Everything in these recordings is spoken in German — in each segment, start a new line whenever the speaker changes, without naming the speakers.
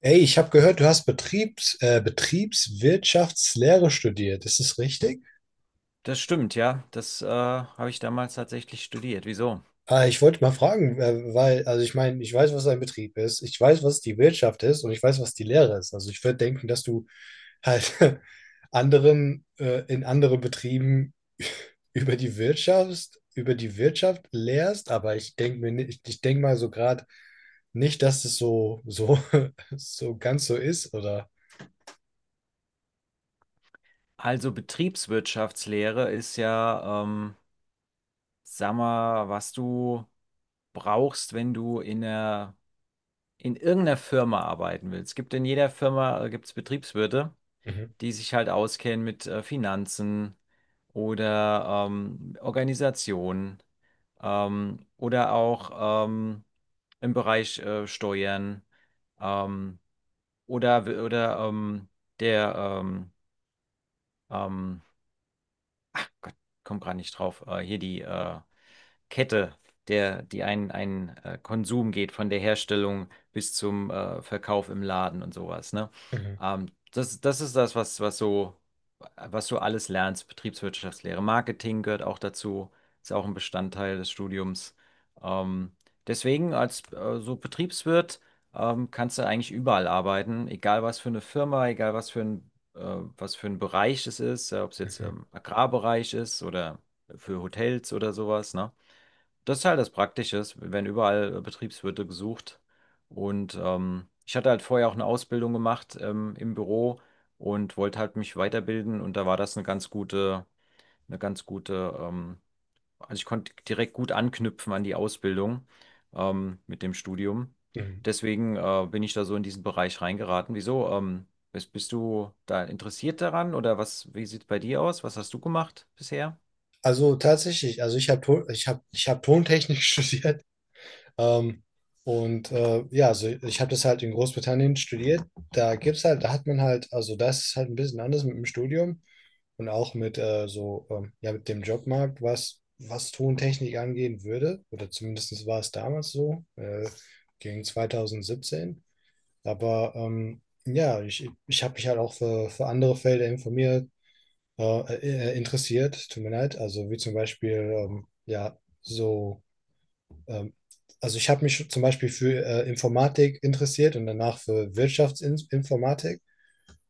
Ey, ich habe gehört, du hast Betriebswirtschaftslehre studiert. Ist das richtig?
Das stimmt, ja. Das habe ich damals tatsächlich studiert. Wieso?
Ich wollte mal fragen, weil, also ich meine, ich weiß, was ein Betrieb ist, ich weiß, was die Wirtschaft ist, und ich weiß, was die Lehre ist. Also ich würde denken, dass du halt anderen in anderen Betrieben über die Wirtschaft lehrst, aber ich denke mal so gerade nicht, dass es so ganz so ist, oder?
Also Betriebswirtschaftslehre ist ja, sag mal, was du brauchst, wenn du in irgendeiner Firma arbeiten willst. Es gibt in jeder Firma, gibt's Betriebswirte,
Mhm,
die sich halt auskennen mit Finanzen oder Organisationen, oder auch im Bereich Steuern. Ähm, Oder, oder ähm, der, ähm, ähm, Gott, komm gerade nicht drauf, hier Kette, die ein Konsum geht, von der Herstellung bis zum Verkauf im Laden und sowas, ne?
mhm,
Das ist was, was so, was du alles lernst, Betriebswirtschaftslehre. Marketing gehört auch dazu, ist auch ein Bestandteil des Studiums. Ähm, deswegen als so Betriebswirt kannst du eigentlich überall arbeiten, egal was für eine Firma, egal was für ein Bereich es ist, ob es jetzt
mhm,
im Agrarbereich ist oder für Hotels oder sowas, ne? Das ist halt das Praktische, es werden überall Betriebswirte gesucht. Und ich hatte halt vorher auch eine Ausbildung gemacht, im Büro und wollte halt mich weiterbilden. Und da war das eine ganz gute, also ich konnte direkt gut anknüpfen an die Ausbildung mit dem Studium.
mhm.
Deswegen bin ich da so in diesen Bereich reingeraten. Wieso? Bist du da interessiert daran oder was, wie sieht es bei dir aus? Was hast du gemacht bisher?
Also tatsächlich, also ich hab Tontechnik studiert. Ähm, und ja, also ich habe das halt in Großbritannien studiert. Da hat man halt, also das ist halt ein bisschen anders mit dem Studium und auch mit so, ja, mit dem Jobmarkt, was Tontechnik angehen würde. Oder zumindest war es damals so, gegen 2017. Aber ja, ich habe mich halt auch für andere Felder informiert äh, interessiert, tut mir leid. Also wie zum Beispiel, ja, so, ähm, also ich habe mich zum Beispiel für Informatik interessiert und danach für Wirtschaftsinformatik.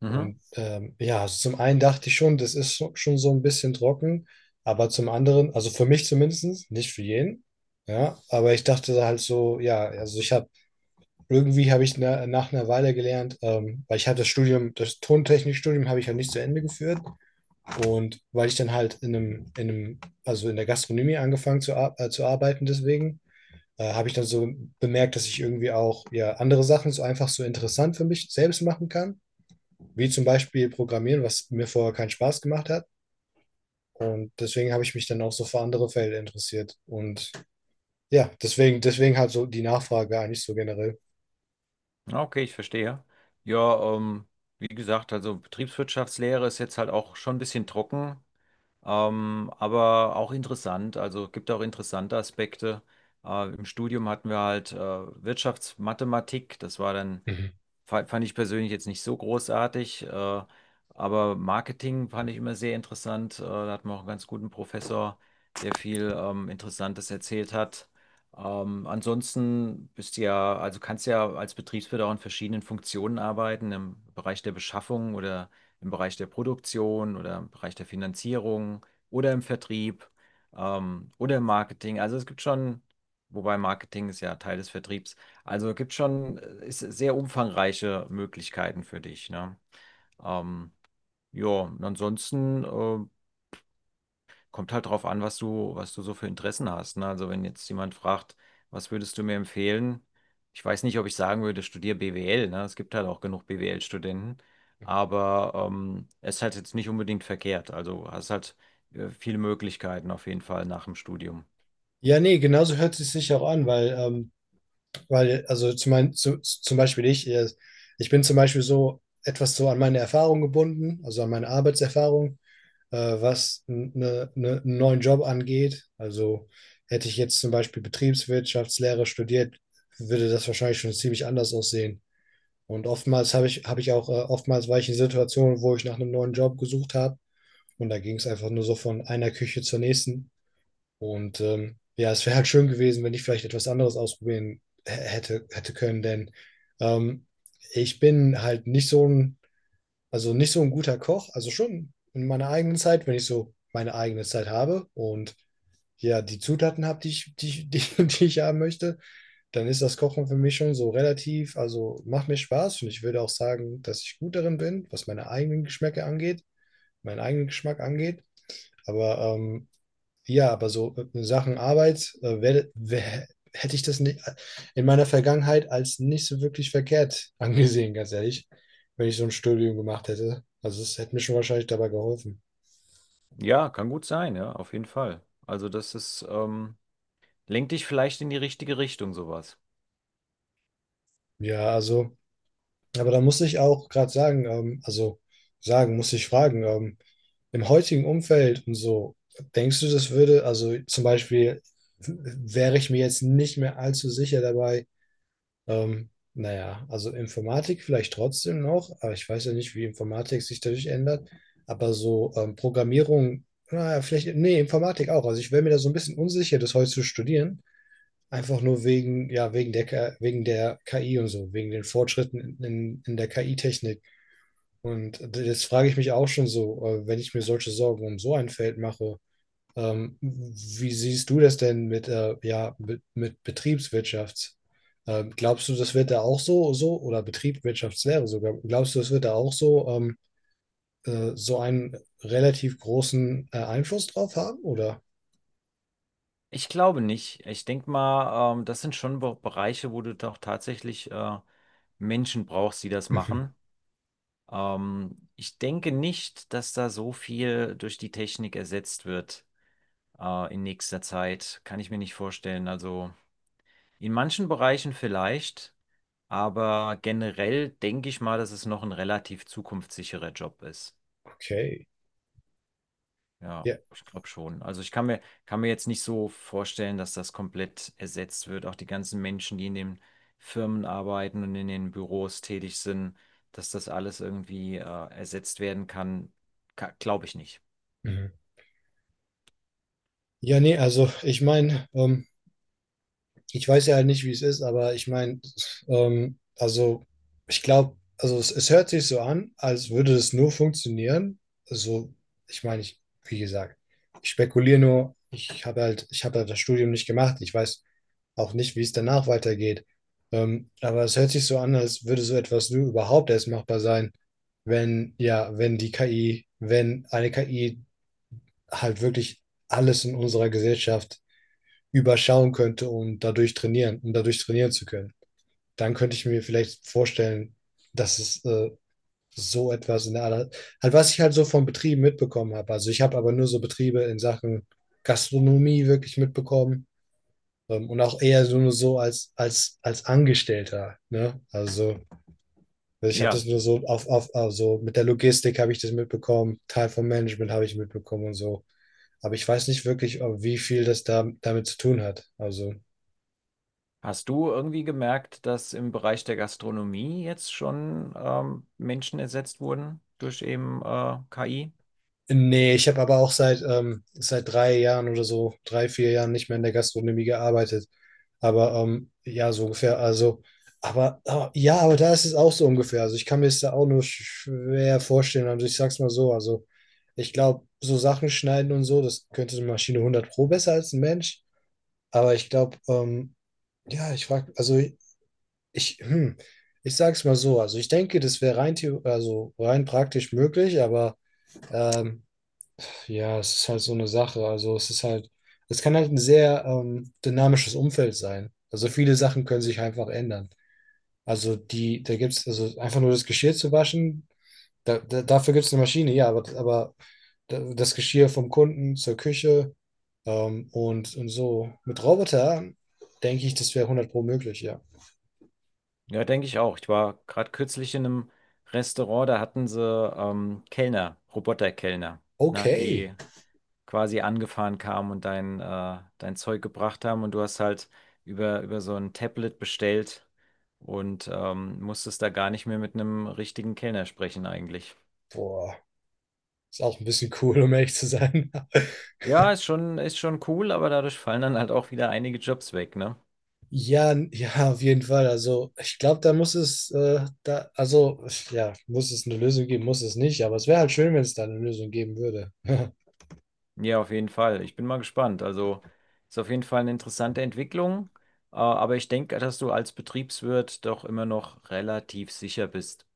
Mhm.
Ja, also zum einen dachte ich schon, das ist schon so ein bisschen trocken, aber zum anderen, also für mich zumindest, nicht für jeden, ja, aber ich dachte halt so, ja, also irgendwie habe ich nach einer Weile gelernt. Weil ich habe das Tontechnikstudium habe ich ja nicht zu Ende geführt, und weil ich dann halt also in der Gastronomie angefangen zu arbeiten, deswegen habe ich dann so bemerkt, dass ich irgendwie auch ja andere Sachen so einfach so interessant für mich selbst machen kann, wie zum Beispiel Programmieren, was mir vorher keinen Spaß gemacht hat. Und deswegen habe ich mich dann auch so für andere Felder interessiert. Und ja, deswegen halt so die Nachfrage eigentlich so generell.
Ja, okay, ich verstehe. Ja, wie gesagt, also Betriebswirtschaftslehre ist jetzt halt auch schon ein bisschen trocken, aber auch interessant. Also gibt auch interessante Aspekte. Im Studium hatten wir halt Wirtschaftsmathematik. Das war dann
Mhm.
fand ich persönlich jetzt nicht so großartig, aber Marketing fand ich immer sehr interessant. Da hatten wir auch einen ganz guten Professor, der viel Interessantes erzählt hat. Ansonsten bist du ja, also kannst ja als Betriebswirt auch in verschiedenen Funktionen arbeiten, im Bereich der Beschaffung oder im Bereich der Produktion oder im Bereich der Finanzierung oder im Vertrieb, oder im Marketing. Also es gibt schon, wobei Marketing ist ja Teil des Vertriebs. Also gibt schon, ist sehr umfangreiche Möglichkeiten für dich, ne? Ähm, ja, und ansonsten kommt halt drauf an, was du so für Interessen hast, ne? Also wenn jetzt jemand fragt, was würdest du mir empfehlen? Ich weiß nicht, ob ich sagen würde, studier BWL, ne? Es gibt halt auch genug BWL-Studenten, aber es ist halt jetzt nicht unbedingt verkehrt. Also hast halt, viele Möglichkeiten auf jeden Fall nach dem Studium.
Ja, nee, genauso hört es sich auch an, weil, also zum Beispiel ich bin zum Beispiel so etwas so an meine Erfahrung gebunden, also an meine Arbeitserfahrung, was einen neuen Job angeht. Also hätte ich jetzt zum Beispiel Betriebswirtschaftslehre studiert, würde das wahrscheinlich schon ziemlich anders aussehen. Und oftmals war ich in Situationen, wo ich nach einem neuen Job gesucht habe. Und da ging es einfach nur so von einer Küche zur nächsten. Und ja, es wäre halt schön gewesen, wenn ich vielleicht etwas anderes ausprobieren hätte können, denn ähm, ich bin halt nicht so ein, also nicht so ein guter Koch, also schon in meiner eigenen Zeit, wenn ich so meine eigene Zeit habe und ja, die Zutaten habe, die ich haben möchte, dann ist das Kochen für mich schon so also macht mir Spaß, und ich würde auch sagen, dass ich gut darin bin, was meinen eigenen Geschmack angeht. Aber ja, aber so Sachen Arbeit, hätte ich das nicht in meiner Vergangenheit als nicht so wirklich verkehrt angesehen, ganz ehrlich, wenn ich so ein Studium gemacht hätte. Also es hätte mir schon wahrscheinlich dabei geholfen.
Ja, kann gut sein, ja, auf jeden Fall. Also das ist, lenkt dich vielleicht in die richtige Richtung, sowas.
Ja, also, aber da muss ich auch gerade sagen, also sagen, muss ich fragen, im heutigen Umfeld und so, denkst du, das würde, also zum Beispiel, wäre ich mir jetzt nicht mehr allzu sicher dabei. Naja, also Informatik vielleicht trotzdem noch, aber ich weiß ja nicht, wie Informatik sich dadurch ändert. Aber so Programmierung, naja, vielleicht, nee, Informatik auch. Also ich wäre mir da so ein bisschen unsicher, das heute zu studieren. Einfach nur wegen, ja, wegen der, K- wegen der KI und so, wegen den Fortschritten in der KI-Technik. Und jetzt frage ich mich auch schon so, wenn ich mir solche Sorgen um so ein Feld mache, wie siehst du das denn mit, ja, mit Betriebswirtschaft? Glaubst du, das wird da auch so oder Betriebswirtschaftslehre sogar? Glaubst du, das wird da auch so einen relativ großen Einfluss drauf haben? Oder?
Ich glaube nicht. Ich denke mal, das sind schon Be Bereiche, wo du doch tatsächlich Menschen brauchst, die das
Mhm.
machen. Ich denke nicht, dass da so viel durch die Technik ersetzt wird, in nächster Zeit. Kann ich mir nicht vorstellen. Also in manchen Bereichen vielleicht, aber generell denke ich mal, dass es noch ein relativ zukunftssicherer Job ist.
Okay.
Ja,
Ja.
ich glaube schon. Also kann mir jetzt nicht so vorstellen, dass das komplett ersetzt wird. Auch die ganzen Menschen, die in den Firmen arbeiten und in den Büros tätig sind, dass das alles irgendwie ersetzt werden kann, ka glaube ich nicht.
Mhm. Ja, nee, also ich meine, ich weiß ja halt nicht, wie es ist, aber ich meine, also ich glaube, also es hört sich so an, als würde es nur funktionieren. Also, ich meine, ich, wie gesagt, ich spekuliere nur, ich habe halt das Studium nicht gemacht. Ich weiß auch nicht, wie es danach weitergeht. Aber es hört sich so an, als würde so etwas nur überhaupt erst machbar sein, wenn die KI, wenn eine KI halt wirklich alles in unserer Gesellschaft überschauen könnte, um dadurch trainieren zu können. Dann könnte ich mir vielleicht vorstellen, dass es so etwas in der Art, halt, was ich halt so von Betrieben mitbekommen habe. Also ich habe aber nur so Betriebe in Sachen Gastronomie wirklich mitbekommen, und auch eher so nur so als Angestellter. Ne? Also ich habe das
Ja,
nur so auf, also mit der Logistik habe ich das mitbekommen, Teil vom Management habe ich mitbekommen und so. Aber ich weiß nicht wirklich, ob wie viel damit zu tun hat. Also
hast du irgendwie gemerkt, dass im Bereich der Gastronomie jetzt schon Menschen ersetzt wurden durch eben KI?
nee, ich habe aber auch seit 3 Jahren oder so, 3, 4 Jahren nicht mehr in der Gastronomie gearbeitet. Aber ja, so ungefähr. Also, aber ja, aber da ist es auch so ungefähr. Also, ich kann mir es da auch nur schwer vorstellen. Also, ich sag's mal so. Also, ich glaube, so Sachen schneiden und so, das könnte so eine Maschine 100 Pro besser als ein Mensch. Aber ich glaube, ja, ich, hm, ich sag's mal so. Also, ich denke, das wäre also rein praktisch möglich, aber. Ähm, ja, es ist halt so eine Sache. Also es kann halt ein sehr dynamisches Umfeld sein. Also viele Sachen können sich einfach ändern. Also die, da gibt es, also einfach nur das Geschirr zu waschen, dafür gibt es eine Maschine, ja, das Geschirr vom Kunden zur Küche, und so. Mit Roboter denke ich, das wäre 100 pro möglich, ja.
Ja, denke ich auch. Ich war gerade kürzlich in einem Restaurant, da hatten sie Kellner, Roboterkellner, ne,
Okay.
die quasi angefahren kamen und dein Zeug gebracht haben und du hast halt über so ein Tablet bestellt und musstest da gar nicht mehr mit einem richtigen Kellner sprechen eigentlich.
Boah, ist auch ein bisschen cool, um ehrlich zu sein.
Ja, ist schon cool, aber dadurch fallen dann halt auch wieder einige Jobs weg, ne?
Ja, ja, auf jeden Fall. Also ich glaube, da, also ja, muss es eine Lösung geben, muss es nicht, aber es wäre halt schön, wenn es da eine Lösung geben würde.
Ja, auf jeden Fall. Ich bin mal gespannt. Also ist auf jeden Fall eine interessante Entwicklung, aber ich denke, dass du als Betriebswirt doch immer noch relativ sicher bist.